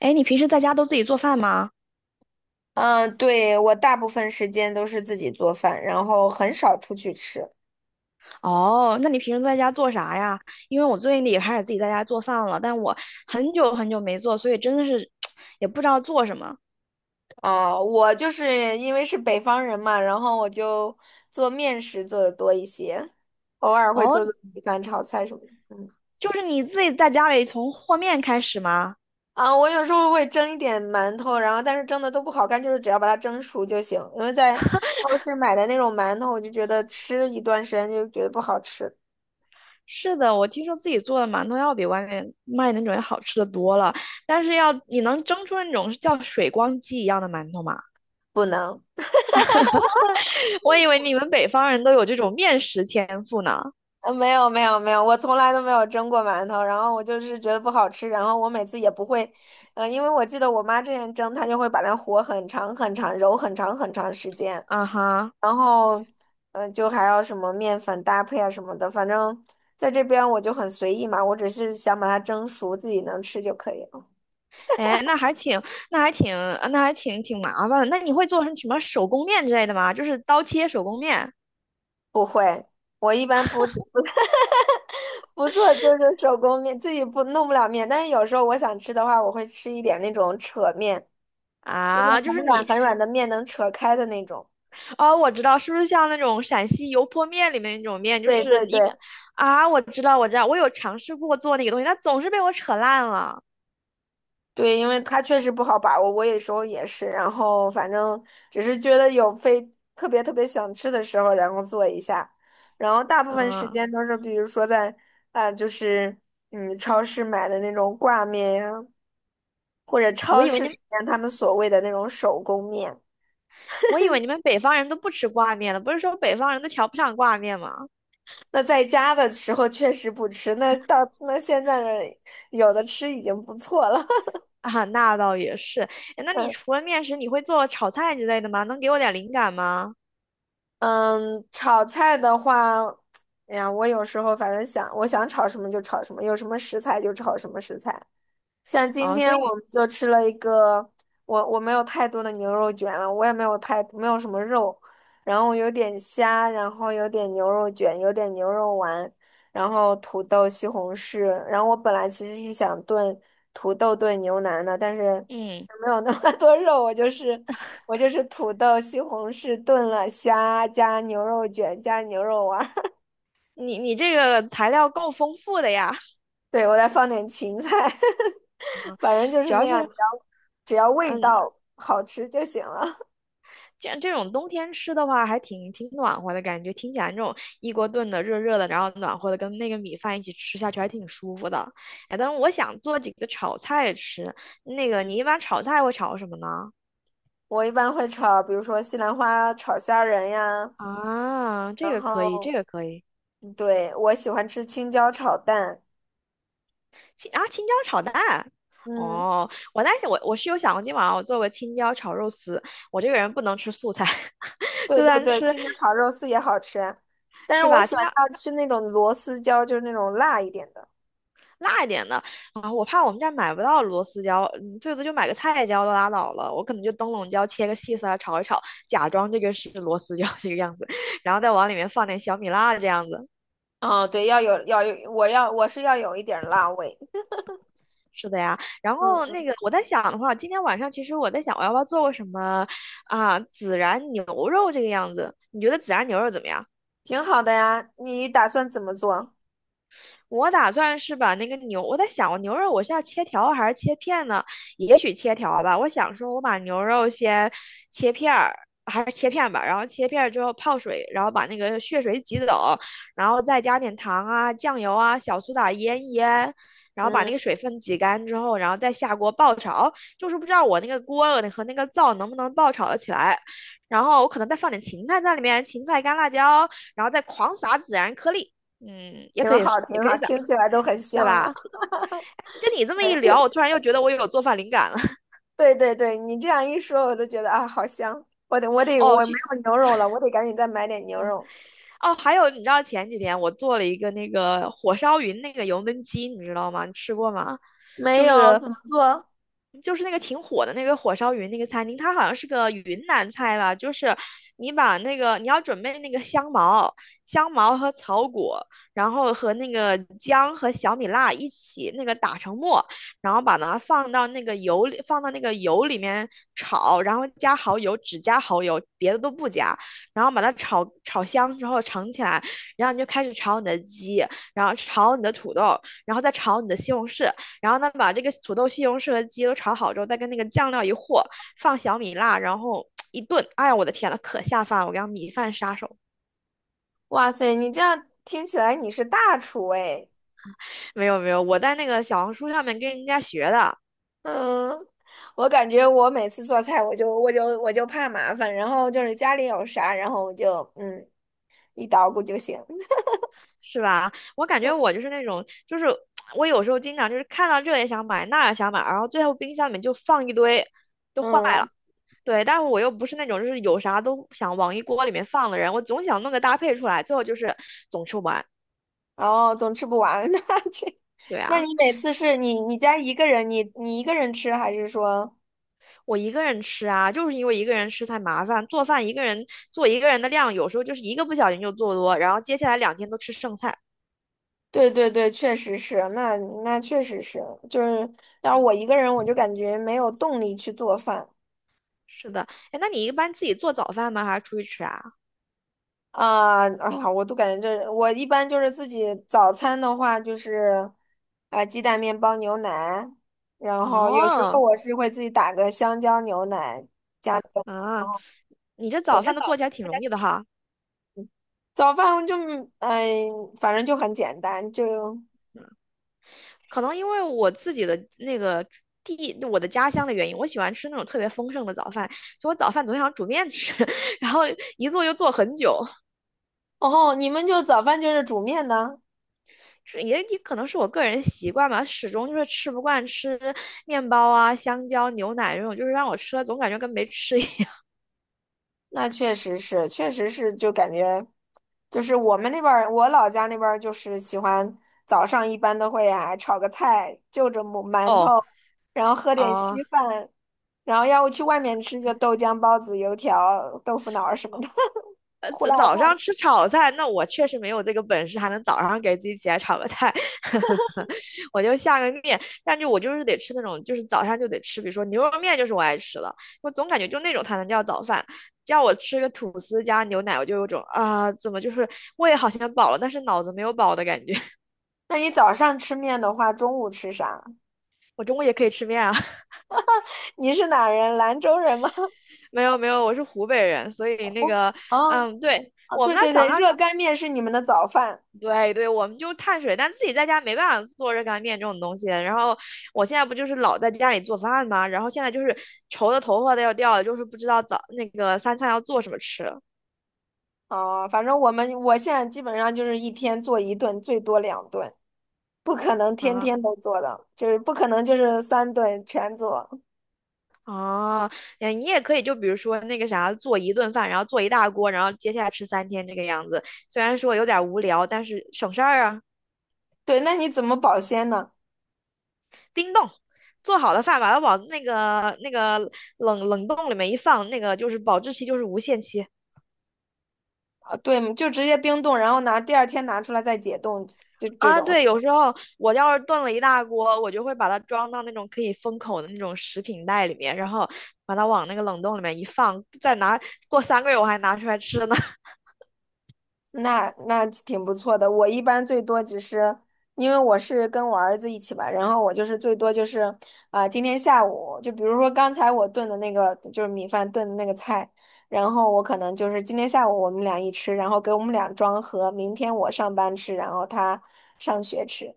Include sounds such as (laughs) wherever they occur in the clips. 哎，你平时在家都自己做饭吗？嗯，对，我大部分时间都是自己做饭，然后很少出去吃。哦，那你平时在家做啥呀？因为我最近也开始自己在家做饭了，但我很久很久没做，所以真的是 (tsk) 也不知道做什么。我就是因为是北方人嘛，然后我就做面食做的多一些，偶尔会哦，做做米饭、炒菜什么的。就是你自己在家里从和面开始吗？我有时候会蒸一点馒头，但是蒸的都不好看，就是只要把它蒸熟就行。因为在超市买的那种馒头，我就觉得吃一段时间就觉得不好吃，是的，我听说自己做的馒头要比外面卖的那种要好吃的多了，但是要你能蒸出那种叫水光肌一样的馒头吗？不能。(laughs) 我以为你们北方人都有这种面食天赋呢。没有，我从来都没有蒸过馒头，然后我就是觉得不好吃，然后我每次也不会，因为我记得我妈之前蒸，她就会把它和很长很长，揉很长很长时间，啊哈。然后，就还要什么面粉搭配啊什么的，反正在这边我就很随意嘛，我只是想把它蒸熟，自己能吃就可以了。哎，那还挺，那还挺挺麻烦的。那你会做成什么手工面之类的吗？就是刀切手工面不会，我一般不 (laughs) 不做就是手工面，自己不弄不了面，但是有时候我想吃的话，我会吃一点那种扯面。就是啊。就是很软你很软的面能扯开的那种。哦，我知道，是不是像那种陕西油泼面里面那种面。就对是对一对个啊，我知道，我知道，我有尝试过做那个东西，但总是被我扯烂了。对，因为它确实不好把握，我有时候也是。然后反正只是觉得有非特别特别想吃的时候，然后做一下。然后大部分时嗯，间都是，比如说在啊、呃就是超市买的那种挂面呀，或者我超以为市你里们，面他们所谓的那种手工面。我以为你们北方人都不吃挂面的，不是说北方人都瞧不上挂面吗？那在家的时候确实不吃，那到现在呢，有的吃已经不错了。啊，那倒也是。哎那你 (laughs) 除了面食，你会做炒菜之类的吗？能给我点灵感吗？嗯，炒菜的话，哎呀，我有时候反正想，我想炒什么就炒什么，有什么食材就炒什么食材。像今啊，所天以我你，们就吃了一个，我没有太多的牛肉卷了，我也没有什么肉，然后有点虾，然后有点牛肉卷，有点牛肉丸，然后土豆、西红柿。然后我本来其实是想炖土豆炖牛腩的，但是嗯。没有那么多肉，我就是土豆、西红柿炖了虾，加牛肉卷，加牛肉丸儿，你这个材料够丰富的呀。(laughs) 对，我再放点芹菜，(laughs) 反正就主是那要是样，只要味嗯，道好吃就行了。(laughs) 这种冬天吃的话，还挺挺暖和的感觉。听起来那种一锅炖的热热的，然后暖和的，跟那个米饭一起吃下去，还挺舒服的。哎，但是我想做几个炒菜吃。那个嗯，你一般炒菜会炒什么呢？我一般会炒，比如说西兰花炒虾仁呀，啊，这然个可以，这后个可以。对，我喜欢吃青椒炒蛋。青椒炒蛋。嗯，哦，我在想，我是有想过今晚上我做个青椒炒肉丝。我这个人不能吃素菜，(laughs) 对就对算对，吃青椒炒肉丝也好吃啊，但是是我吧？喜青欢椒要吃那种螺丝椒，就是那种辣一点的。辣一点的。啊，我怕我们这儿买不到螺丝椒。嗯最多就买个菜椒都拉倒了。我可能就灯笼椒切个细丝儿炒一炒，假装这个是螺丝椒这个样子，然后再往里面放点小米辣这样子。哦，对，要有要有，我是要有一点儿辣味，是的呀，然后嗯，那个我在想的话，今天晚上其实我在想我要不要做个什么啊孜然牛肉这个样子？你觉得孜然牛肉怎么样？挺好的呀。你打算怎么做？我打算是把那个牛，我在想，我牛肉我是要切条还是切片呢？也许切条吧。我想说，我把牛肉先切片儿，还是切片吧。然后切片儿之后泡水，然后把那个血水挤走，然后再加点糖啊、酱油啊、小苏打腌一腌，然后把那嗯，个水分挤干之后，然后再下锅爆炒。就是不知道我那个锅和那个灶能不能爆炒的起来。然后我可能再放点芹菜在里面，芹菜、干辣椒，然后再狂撒孜然颗粒。嗯，也挺可以好，是，也挺可以好，撒，听起来都很对香了。吧？跟你这么一 (laughs) 聊，我对突然又觉得我有做饭灵感了。(laughs) 对对对，你这样一说，我都觉得啊，好香。我哦，没去有牛肉了，我得赶紧再买点牛肉。哦，还有你知道前几天我做了一个那个火烧云那个油焖鸡，你知道吗？你吃过吗？没就有，是怎么做？就是那个挺火的那个火烧云那个餐厅，它好像是个云南菜吧？就是你把那个你要准备那个香茅、香茅和草果，然后和那个姜和小米辣一起那个打成沫，然后把它放到那个油里，放到那个油里面炒，然后加蚝油，只加蚝油，别的都不加。然后把它炒炒香之后盛起来，然后你就开始炒你的鸡，然后炒你的土豆，然后再炒你的西红柿，然后呢把这个土豆、西红柿和鸡都炒好之后，再跟那个酱料一和，放小米辣，然后一炖。哎呀，我的天呐，可下饭了！我刚米饭杀手。哇塞，你这样听起来你是大厨哎。没有没有，我在那个小红书上面跟人家学的。嗯，我感觉我每次做菜，我就怕麻烦，然后就是家里有啥，然后我就一捣鼓就行。(laughs) 是吧？我感觉我就是那种就是。我有时候经常就是看到这也想买，那也想买，然后最后冰箱里面就放一堆，都坏了。嗯，对，但是我又不是那种就是有啥都想往一锅里面放的人，我总想弄个搭配出来，最后就是总吃不完。哦，总吃不完，(laughs) 那这，对那啊，你每次是你家一个人，你一个人吃，还是说？我一个人吃啊，就是因为一个人吃太麻烦，做饭一个人做一个人的量，有时候就是一个不小心就做多，然后接下来2天都吃剩菜。对对对，确实是，那确实是，就是要是我一个人，我就感觉没有动力去做饭。是的，哎，那你一般自己做早饭吗？还是出去吃啊？啊，我都感觉这，我一般就是自己早餐的话，就是鸡蛋、面包、牛奶，然后有时候哦，我是会自己打个香蕉牛奶加。然后啊，你这早饭都做起早。来挺容易的哈。早饭就哎，反正就很简单，就可能因为我自己的那个我的家乡的原因，我喜欢吃那种特别丰盛的早饭，所以我早饭总想煮面吃，(laughs) 然后一做就做很久。哦，你们就早饭就是煮面呢？是，也可能是我个人习惯吧，始终就是吃不惯吃面包啊、香蕉、牛奶这种，就是让我吃了总感觉跟没吃一样。那确实是，确实是，就感觉就是我们那边儿，我老家那边儿就是喜欢早上一般都会炒个菜，就着 (laughs) 馒头，哦然后喝哦、点啊稀饭，然后要不去外面吃就豆浆、包子、油条、豆腐脑儿什么的，(laughs) 呃，胡辣早上汤。吃炒菜，那我确实没有这个本事，还能早上给自己起来炒个菜。(laughs) 我就下个面。但是我就是得吃那种，就是早上就得吃，比如说牛肉面就是我爱吃的，我总感觉就那种才能叫早饭。叫我吃个吐司加牛奶，我就有种啊，怎么就是胃好像饱了，但是脑子没有饱的感觉。(laughs) 那你早上吃面的话，中午吃啥？我中午也可以吃面啊。(laughs) (laughs) 你是哪人？兰州人吗？没有没有，我是湖北人，所 (laughs) 以那湖北个，哦，嗯，对，我们对那对早对，上热干面是你们的早饭。对对，我们就碳水，但自己在家没办法做热干面这种东西。然后我现在不就是老在家里做饭吗？然后现在就是愁的头发都要掉了，就是不知道早那个三餐要做什么吃啊。反正我现在基本上就是一天做一顿，最多两顿，不可能天啊！天都做的，就是不可能就是三顿全做。哦，哎，你也可以就比如说那个啥，做一顿饭，然后做一大锅，然后接下来吃3天这个样子。虽然说有点无聊，但是省事儿啊。对，那你怎么保鲜呢？冰冻，做好的饭把它往那个冷冻里面一放，那个就是保质期就是无限期。啊，对，就直接冰冻，然后拿第二天拿出来再解冻，就这啊，种。对，有时候我要是炖了一大锅，我就会把它装到那种可以封口的那种食品袋里面，然后把它往那个冷冻里面一放，过3个月我还拿出来吃呢。那那挺不错的。我一般最多只是，因为我是跟我儿子一起吧，然后我就是最多就是，今天下午就比如说刚才我炖的那个就是米饭炖的那个菜，然后我可能就是今天下午我们俩一吃，然后给我们俩装盒，明天我上班吃，然后他上学吃。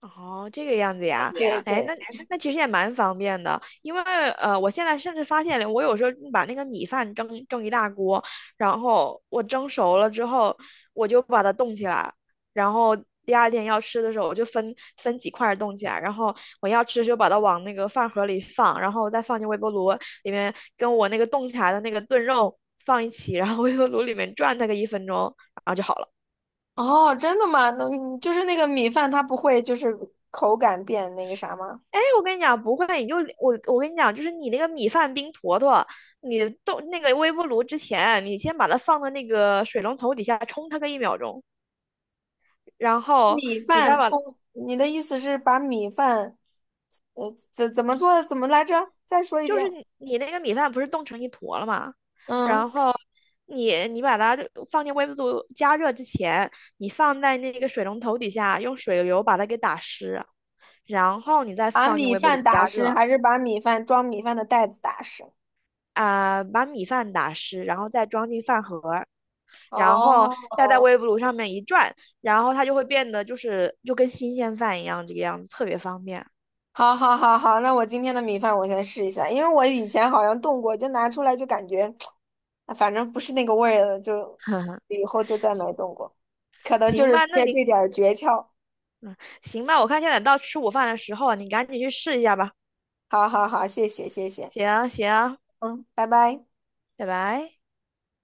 哦，这个样子呀，对哎，对，那其实也蛮方便的，因为我现在甚至发现了，我有时候把那个米饭蒸蒸一大锅，然后我蒸熟了之后，我就把它冻起来，然后第二天要吃的时候，我就分分几块儿冻起来，然后我要吃就把它往那个饭盒里放，然后再放进微波炉里面，跟我那个冻起来的那个炖肉放一起，然后微波炉里面转它个一分钟，然后就好了。哦，真的吗？那你就是那个米饭，它不会就是口感变那个啥吗？哎，我跟你讲，不会，你就我跟你讲，就是你那个米饭冰坨坨，你冻那个微波炉之前，你先把它放到那个水龙头底下冲它个一秒钟，然后米你再饭把，冲，你的意思是把米饭？怎么做的？怎么来着？再说一就遍。是你那个米饭不是冻成一坨了吗？嗯，然后你把它放进微波炉加热之前，你放在那个水龙头底下，用水流把它给打湿，然后你再把放进米微波饭炉打加湿，热。还是把米饭装米饭的袋子打湿？把米饭打湿，然后再装进饭盒儿，然后哦，再在微波炉上面一转，然后它就会变得就是就跟新鲜饭一样这个样子，特别方便。好，好，好，好，那我今天的米饭我先试一下，因为我以前好像动过，就拿出来就感觉，啊反正不是那个味儿了，就以后就再没 (laughs) 行动过，可能就行是吧，缺这点儿诀窍。行吧，我看现在到吃午饭的时候啊，你赶紧去试一下吧。好好好，谢谢，谢谢，行行，嗯，拜拜。拜拜。